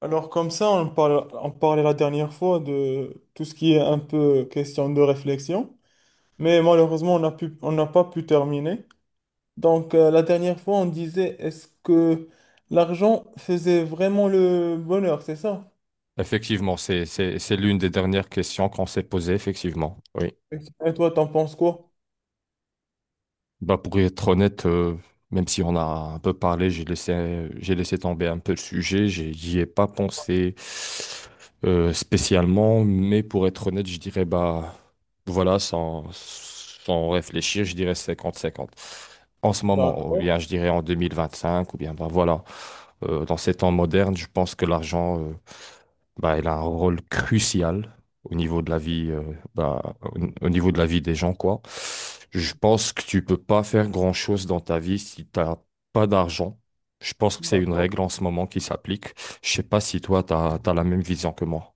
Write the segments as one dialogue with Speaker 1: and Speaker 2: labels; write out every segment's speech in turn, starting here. Speaker 1: Alors comme ça, on parlait la dernière fois de tout ce qui est un peu question de réflexion, mais malheureusement, on n'a pas pu terminer. Donc la dernière fois, on disait, est-ce que l'argent faisait vraiment le bonheur, c'est ça?
Speaker 2: Effectivement, c'est l'une des dernières questions qu'on s'est posées, effectivement. Oui.
Speaker 1: Et toi, t'en penses quoi?
Speaker 2: Bah, pour être honnête, même si on a un peu parlé, j'ai laissé tomber un peu le sujet, j'y ai pas pensé spécialement, mais pour être honnête, je dirais, bah, voilà, sans réfléchir, je dirais 50-50. En ce moment, ou
Speaker 1: D'accord.
Speaker 2: bien je dirais en 2025, ou bien, bah, voilà. Dans ces temps modernes, je pense que l'argent, bah, il a un rôle crucial au niveau de la vie, bah, au niveau de la vie des gens, quoi. Je pense que tu peux pas faire grand-chose dans ta vie si t'as pas d'argent. Je pense que c'est une
Speaker 1: D'accord.
Speaker 2: règle en ce moment qui s'applique. Je sais pas si toi, t'as la même vision que moi.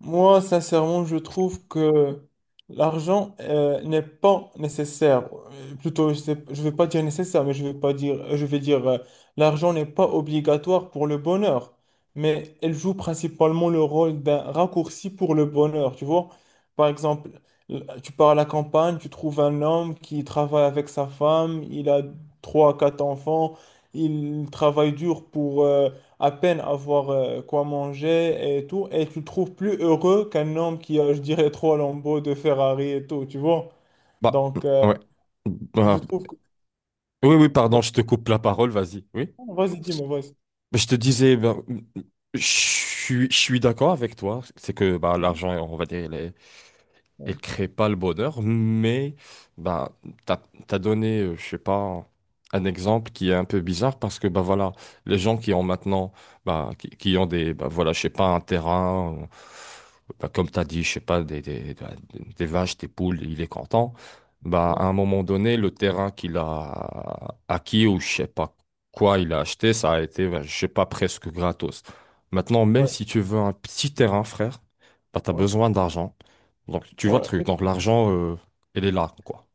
Speaker 1: Moi, sincèrement, je trouve que l'argent n'est pas nécessaire. Plutôt, je ne vais pas dire nécessaire, mais je vais pas dire, je vais dire l'argent n'est pas obligatoire pour le bonheur, mais elle joue principalement le rôle d'un raccourci pour le bonheur. Tu vois, par exemple, tu pars à la campagne, tu trouves un homme qui travaille avec sa femme, il a trois, quatre enfants, il travaille dur pour à peine avoir quoi manger et tout, et tu le trouves plus heureux qu'un homme qui a, je dirais, trois lambeaux de Ferrari et tout, tu vois.
Speaker 2: Bah,
Speaker 1: Donc,
Speaker 2: ouais.
Speaker 1: je
Speaker 2: Bah,
Speaker 1: trouve que...
Speaker 2: oui, oui, pardon,
Speaker 1: Ouais.
Speaker 2: je te coupe la parole, vas-y. Oui.
Speaker 1: Vas-y, dis-moi, vas-y.
Speaker 2: Mais je te disais, ben, je suis d'accord avec toi. C'est que bah, l'argent, on va dire, il est, elle
Speaker 1: Ouais,
Speaker 2: crée pas le bonheur, mais bah, t'as, t'as donné, je sais pas, un exemple qui est un peu bizarre parce que bah voilà, les gens qui ont maintenant, bah, qui ont des, bah voilà, je sais pas, un terrain, bah, comme t'as dit, je sais pas, ben, des vaches, des poules, il est content. Bah, à un moment donné, le terrain qu'il a acquis ou je sais pas quoi il a acheté, ça a été, bah, je sais pas, presque gratos. Maintenant, même
Speaker 1: ouais,
Speaker 2: si tu veux un petit terrain, frère, bah, t'as
Speaker 1: ouais,
Speaker 2: besoin d'argent. Donc, tu vois le
Speaker 1: ouais.
Speaker 2: truc. Donc, l'argent, elle est là, quoi.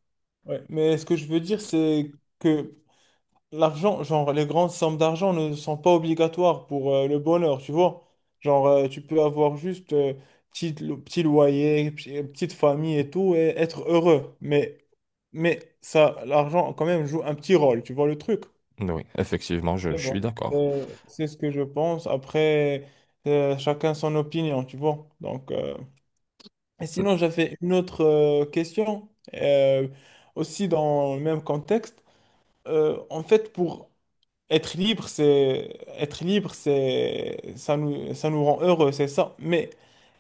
Speaker 1: Ouais. Mais ce que je veux dire, c'est que l'argent, genre, les grandes sommes d'argent ne sont pas obligatoires pour le bonheur, tu vois. Genre, tu peux avoir juste petit, petit loyer, petite famille et tout, et être heureux. Mais ça, l'argent, quand même, joue un petit rôle, tu vois le truc.
Speaker 2: Oui, effectivement,
Speaker 1: Mais
Speaker 2: je suis
Speaker 1: bon,
Speaker 2: d'accord.
Speaker 1: c'est ce que je pense. Après, chacun son opinion, tu vois. Donc, et sinon, j'avais une autre question, euh, aussi dans le même contexte. En fait, pour être libre, c'est ça nous rend heureux, c'est ça. Mais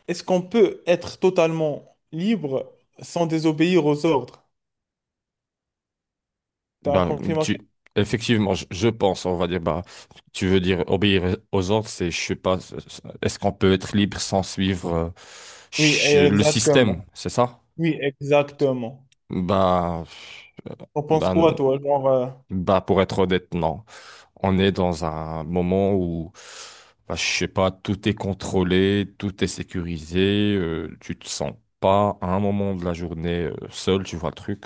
Speaker 1: est-ce qu'on peut être totalement libre sans désobéir aux ordres? T'as
Speaker 2: Ben,
Speaker 1: compris ma question?
Speaker 2: tu, effectivement, je pense, on va dire, bah, tu veux dire obéir aux ordres, c'est, je sais pas, est-ce qu'on peut être libre sans suivre
Speaker 1: Oui,
Speaker 2: le système,
Speaker 1: exactement.
Speaker 2: c'est ça?
Speaker 1: Oui, exactement.
Speaker 2: Ben, euh,
Speaker 1: On pense
Speaker 2: ben,
Speaker 1: quoi, toi? Genre,
Speaker 2: Bah, pour être honnête, non. On est dans un moment où, bah, je sais pas, tout est contrôlé, tout est sécurisé, tu te sens pas à un moment de la journée seul, tu vois le truc.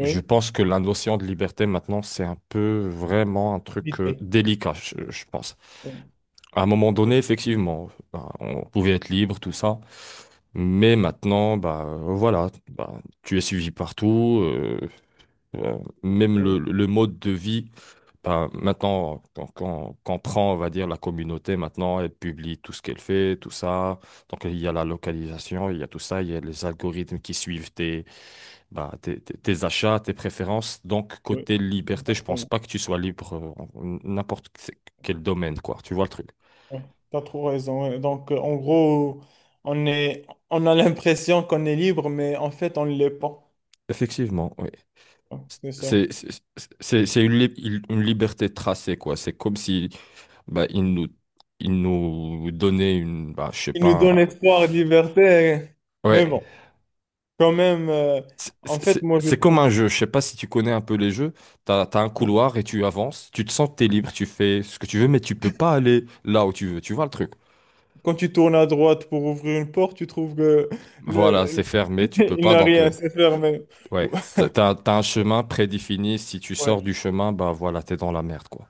Speaker 2: Je pense que la notion de liberté maintenant, c'est un peu vraiment un truc
Speaker 1: vite fait.
Speaker 2: délicat, je pense.
Speaker 1: Oui,
Speaker 2: À un moment
Speaker 1: oui,
Speaker 2: donné, effectivement, bah, on pouvait être libre, tout ça. Mais maintenant, bah, voilà, bah, tu es suivi partout. Euh, Même le mode de vie, ben, maintenant, quand prend, on va dire, la communauté, maintenant, elle publie tout ce qu'elle fait, tout ça. Donc, il y a la localisation, il y a tout ça, il y a les algorithmes qui suivent tes, ben, tes achats, tes préférences. Donc,
Speaker 1: oui,
Speaker 2: côté liberté, je pense
Speaker 1: exactement.
Speaker 2: pas que tu sois libre en n'importe quel domaine, quoi. Tu vois le truc.
Speaker 1: Oui, t'as trop raison. Ouais. Donc, en gros, on est, on a l'impression qu'on est libre, mais en fait, on ne l'est pas.
Speaker 2: Effectivement, oui.
Speaker 1: Ouais, c'est ça.
Speaker 2: C'est c'est- c'est une, une liberté tracée, quoi. C'est comme si bah, il nous donnait une. Bah, je sais
Speaker 1: Il nous
Speaker 2: pas.
Speaker 1: donne espoir et liberté. Mais
Speaker 2: Ouais.
Speaker 1: bon, quand même, en fait, moi, je
Speaker 2: C'est comme
Speaker 1: trouve,
Speaker 2: un jeu. Je sais pas si tu connais un peu les jeux. T'as un couloir et tu avances. Tu te sens que t'es libre. Tu fais ce que tu veux, mais tu peux pas aller là où tu veux. Tu vois le truc?
Speaker 1: quand tu tournes à droite pour ouvrir une porte, tu trouves que
Speaker 2: Voilà, c'est
Speaker 1: le,
Speaker 2: fermé. Tu peux
Speaker 1: il
Speaker 2: pas.
Speaker 1: n'a
Speaker 2: Donc,
Speaker 1: rien à se faire. Mais...
Speaker 2: ouais. T'as un chemin prédéfini. Si tu sors du
Speaker 1: Ouais.
Speaker 2: chemin, bah voilà, t'es dans la merde, quoi.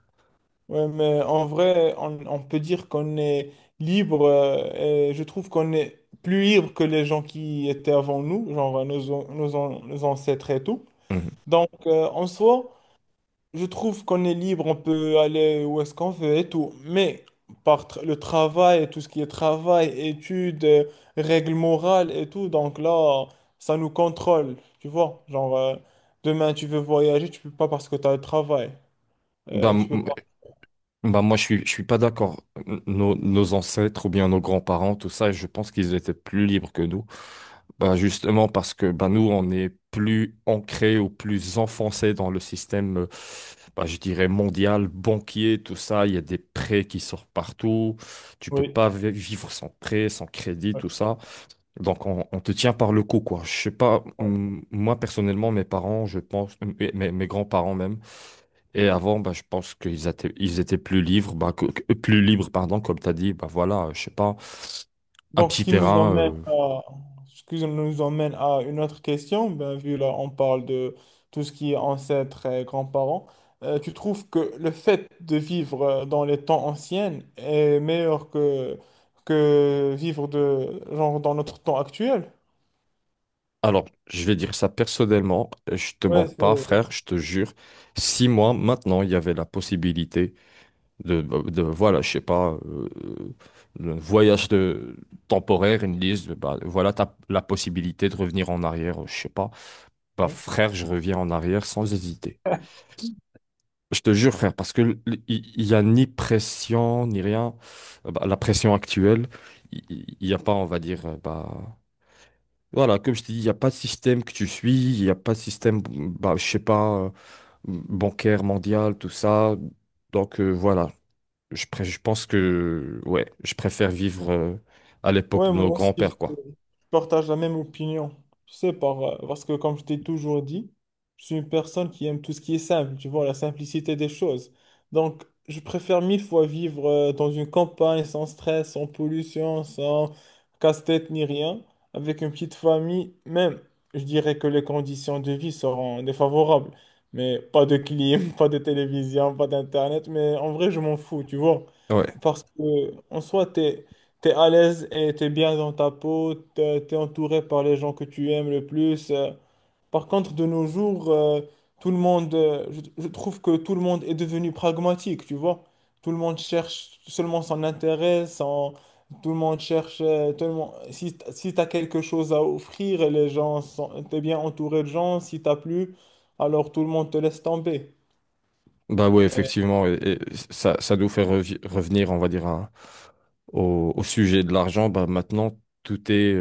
Speaker 1: Ouais, mais en vrai, on peut dire qu'on est libre, et je trouve qu'on est plus libre que les gens qui étaient avant nous, genre nos ancêtres et tout.
Speaker 2: Mhm.
Speaker 1: Donc, en soi, je trouve qu'on est libre, on peut aller où est-ce qu'on veut et tout, mais le travail, tout ce qui est travail, études, règles morales et tout, donc là, ça nous contrôle, tu vois. Genre, demain, tu veux voyager, tu peux pas parce que tu as le travail.
Speaker 2: Bah,
Speaker 1: Tu peux pas.
Speaker 2: Bah moi, je suis pas d'accord. Nos ancêtres ou bien nos grands-parents, tout ça, je pense qu'ils étaient plus libres que nous. Bah justement parce que bah nous, on est plus ancrés ou plus enfoncés dans le système, bah, je dirais, mondial, banquier, tout ça. Il y a des prêts qui sortent partout. Tu peux
Speaker 1: Oui.
Speaker 2: pas vivre sans prêt, sans crédit, tout ça. Donc, on te tient par le cou, quoi. Je sais pas,
Speaker 1: Ouais.
Speaker 2: moi, personnellement, mes parents, je pense, mes, mes grands-parents même, et avant, bah, je pense qu'ils étaient, ils étaient plus libres, bah, plus libres, pardon, comme tu as dit, bah voilà, je sais pas, un
Speaker 1: Donc, ce
Speaker 2: petit
Speaker 1: qui nous
Speaker 2: terrain.
Speaker 1: emmène à, ce qui nous emmène à une autre question, ben, vu là, on parle de tout ce qui est ancêtres et grands-parents, tu trouves que le fait de vivre dans les temps anciens est meilleur que vivre de, genre, dans notre temps actuel?
Speaker 2: Alors, je vais dire ça personnellement, je te mens
Speaker 1: Ouais,
Speaker 2: pas,
Speaker 1: c'est-
Speaker 2: frère, je te jure. Si moi, maintenant, il y avait la possibilité de voilà, je sais pas, le voyage de, temporaire, ils me disent, bah voilà, t'as la possibilité de revenir en arrière, je sais pas. Bah frère, je reviens en arrière sans hésiter. Je te jure, frère, parce que il n'y a ni pression, ni rien. Bah, la pression actuelle, il n'y a pas, on va dire, bah, voilà, comme je te dis, il n'y a pas de système que tu suis, il n'y a pas de système, bah, je sais pas, bancaire mondial, tout ça. Donc, voilà, je pense que, ouais, je préfère vivre à l'époque
Speaker 1: ouais,
Speaker 2: de nos
Speaker 1: moi aussi.
Speaker 2: grands-pères, quoi.
Speaker 1: Partage la même opinion. Tu sais, parce que comme je t'ai toujours dit, je suis une personne qui aime tout ce qui est simple, tu vois, la simplicité des choses. Donc, je préfère mille fois vivre dans une campagne sans stress, sans pollution, sans casse-tête ni rien, avec une petite famille. Même, je dirais que les conditions de vie seront défavorables. Mais pas de clim, pas de télévision, pas d'internet. Mais en vrai, je m'en fous, tu vois.
Speaker 2: Ouais,
Speaker 1: Parce que, en soi, t'es à l'aise et t'es bien dans ta peau, t'es entouré par les gens que tu aimes le plus. Par contre, de nos jours, tout le monde, je trouve que tout le monde est devenu pragmatique, tu vois. Tout le monde cherche seulement son intérêt, tout le monde cherche, si, si t'as quelque chose à offrir, les gens sont, t'es bien entouré de gens, si t'as plus, alors tout le monde te laisse tomber.
Speaker 2: bah ouais,
Speaker 1: Et
Speaker 2: effectivement, et ça nous fait revenir, on va dire, à- au, au sujet de l'argent, bah maintenant, tout est.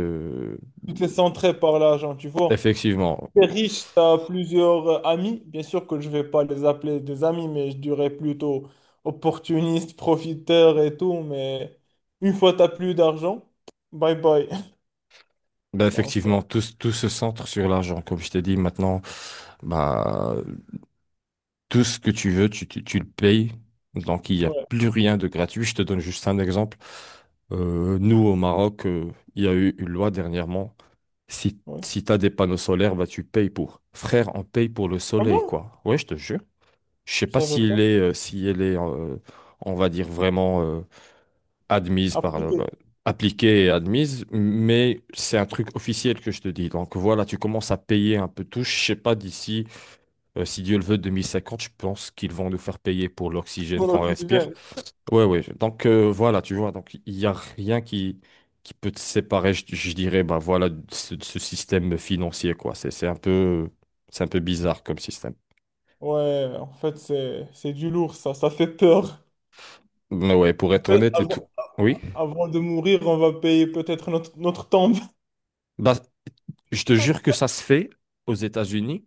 Speaker 1: tout est centré par l'argent, tu vois.
Speaker 2: Effectivement.
Speaker 1: T'es riche, tu as plusieurs amis. Bien sûr que je vais pas les appeler des amis, mais je dirais plutôt opportuniste, profiteur et tout. Mais une fois que tu plus d'argent, bye bye.
Speaker 2: Ben
Speaker 1: Donc,
Speaker 2: effectivement, tout se centre sur l'argent. Comme je t'ai dit maintenant, bah, tout ce que tu veux, tu le payes. Donc, il n'y a
Speaker 1: ouais,
Speaker 2: plus rien de gratuit. Je te donne juste un exemple. Nous, au Maroc, il y a eu une loi dernièrement.
Speaker 1: ouais.
Speaker 2: Si tu as des panneaux solaires, bah, tu payes pour. Frère, on paye pour le
Speaker 1: Ah
Speaker 2: soleil,
Speaker 1: bon?
Speaker 2: quoi. Ouais, je te jure. Je sais
Speaker 1: Je
Speaker 2: pas
Speaker 1: savais
Speaker 2: s'il
Speaker 1: pas.
Speaker 2: est, si elle est, on va dire vraiment. Admise par le,
Speaker 1: Appliquer
Speaker 2: bah, appliquée et admise, mais c'est un truc officiel que je te dis. Donc voilà, tu commences à payer un peu tout. Je sais pas d'ici, si Dieu le veut, 2050, je pense qu'ils vont nous faire payer pour l'oxygène
Speaker 1: mon
Speaker 2: qu'on respire.
Speaker 1: oxygène.
Speaker 2: Ouais, ouais. Donc voilà, tu vois, donc il y a rien qui peut te séparer, je dirais, bah voilà, de ce système financier, quoi. C'est un peu bizarre comme système.
Speaker 1: Ouais, en fait, c'est du lourd, ça. Ça fait peur.
Speaker 2: Mais ouais, pour être
Speaker 1: Peut-
Speaker 2: honnête et tout.
Speaker 1: Avant,
Speaker 2: Oui.
Speaker 1: avant de mourir, on va payer peut-être notre, notre tombe.
Speaker 2: Bah, je te jure que ça se fait aux États-Unis.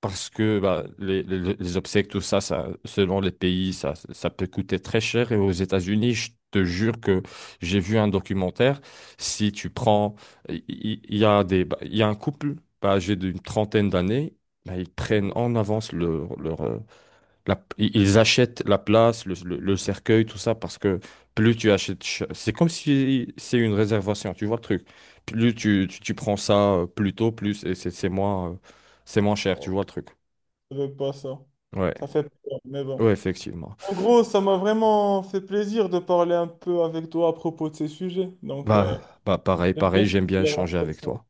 Speaker 2: Parce que bah, les obsèques, tout ça, ça, selon les pays, ça peut coûter très cher. Et aux États-Unis, je te jure que j'ai vu un documentaire. Si tu prends, il y a des, bah, il y a un couple bah, âgé d'une trentaine d'années, bah, ils prennent en avance ils achètent la place, le cercueil, tout ça, parce que plus tu achètes, c'est comme si c'est une réservation, tu vois le truc. Plus tu prends ça plus tôt, plus et c'est moins, c'est moins cher, tu
Speaker 1: Bon,
Speaker 2: vois le truc.
Speaker 1: je savais pas ça.
Speaker 2: Ouais,
Speaker 1: Ça fait peur, mais bon.
Speaker 2: ouais, effectivement.
Speaker 1: En gros, ça m'a vraiment fait plaisir de parler un peu avec toi à propos de ces sujets. Donc,
Speaker 2: Bah, bah pareil,
Speaker 1: j'aime
Speaker 2: pareil,
Speaker 1: bien
Speaker 2: j'aime bien
Speaker 1: la
Speaker 2: échanger avec
Speaker 1: réflexion.
Speaker 2: toi.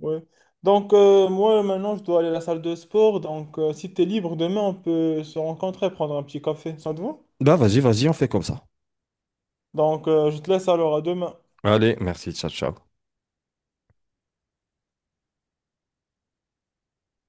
Speaker 1: Ouais. Donc, moi, maintenant, je dois aller à la salle de sport. Donc, si tu es libre demain, on peut se rencontrer, prendre un petit café. Ça te va?
Speaker 2: Bah, vas-y, vas-y, on fait comme ça.
Speaker 1: Donc, je te laisse alors à demain.
Speaker 2: Allez, merci, ciao, ciao.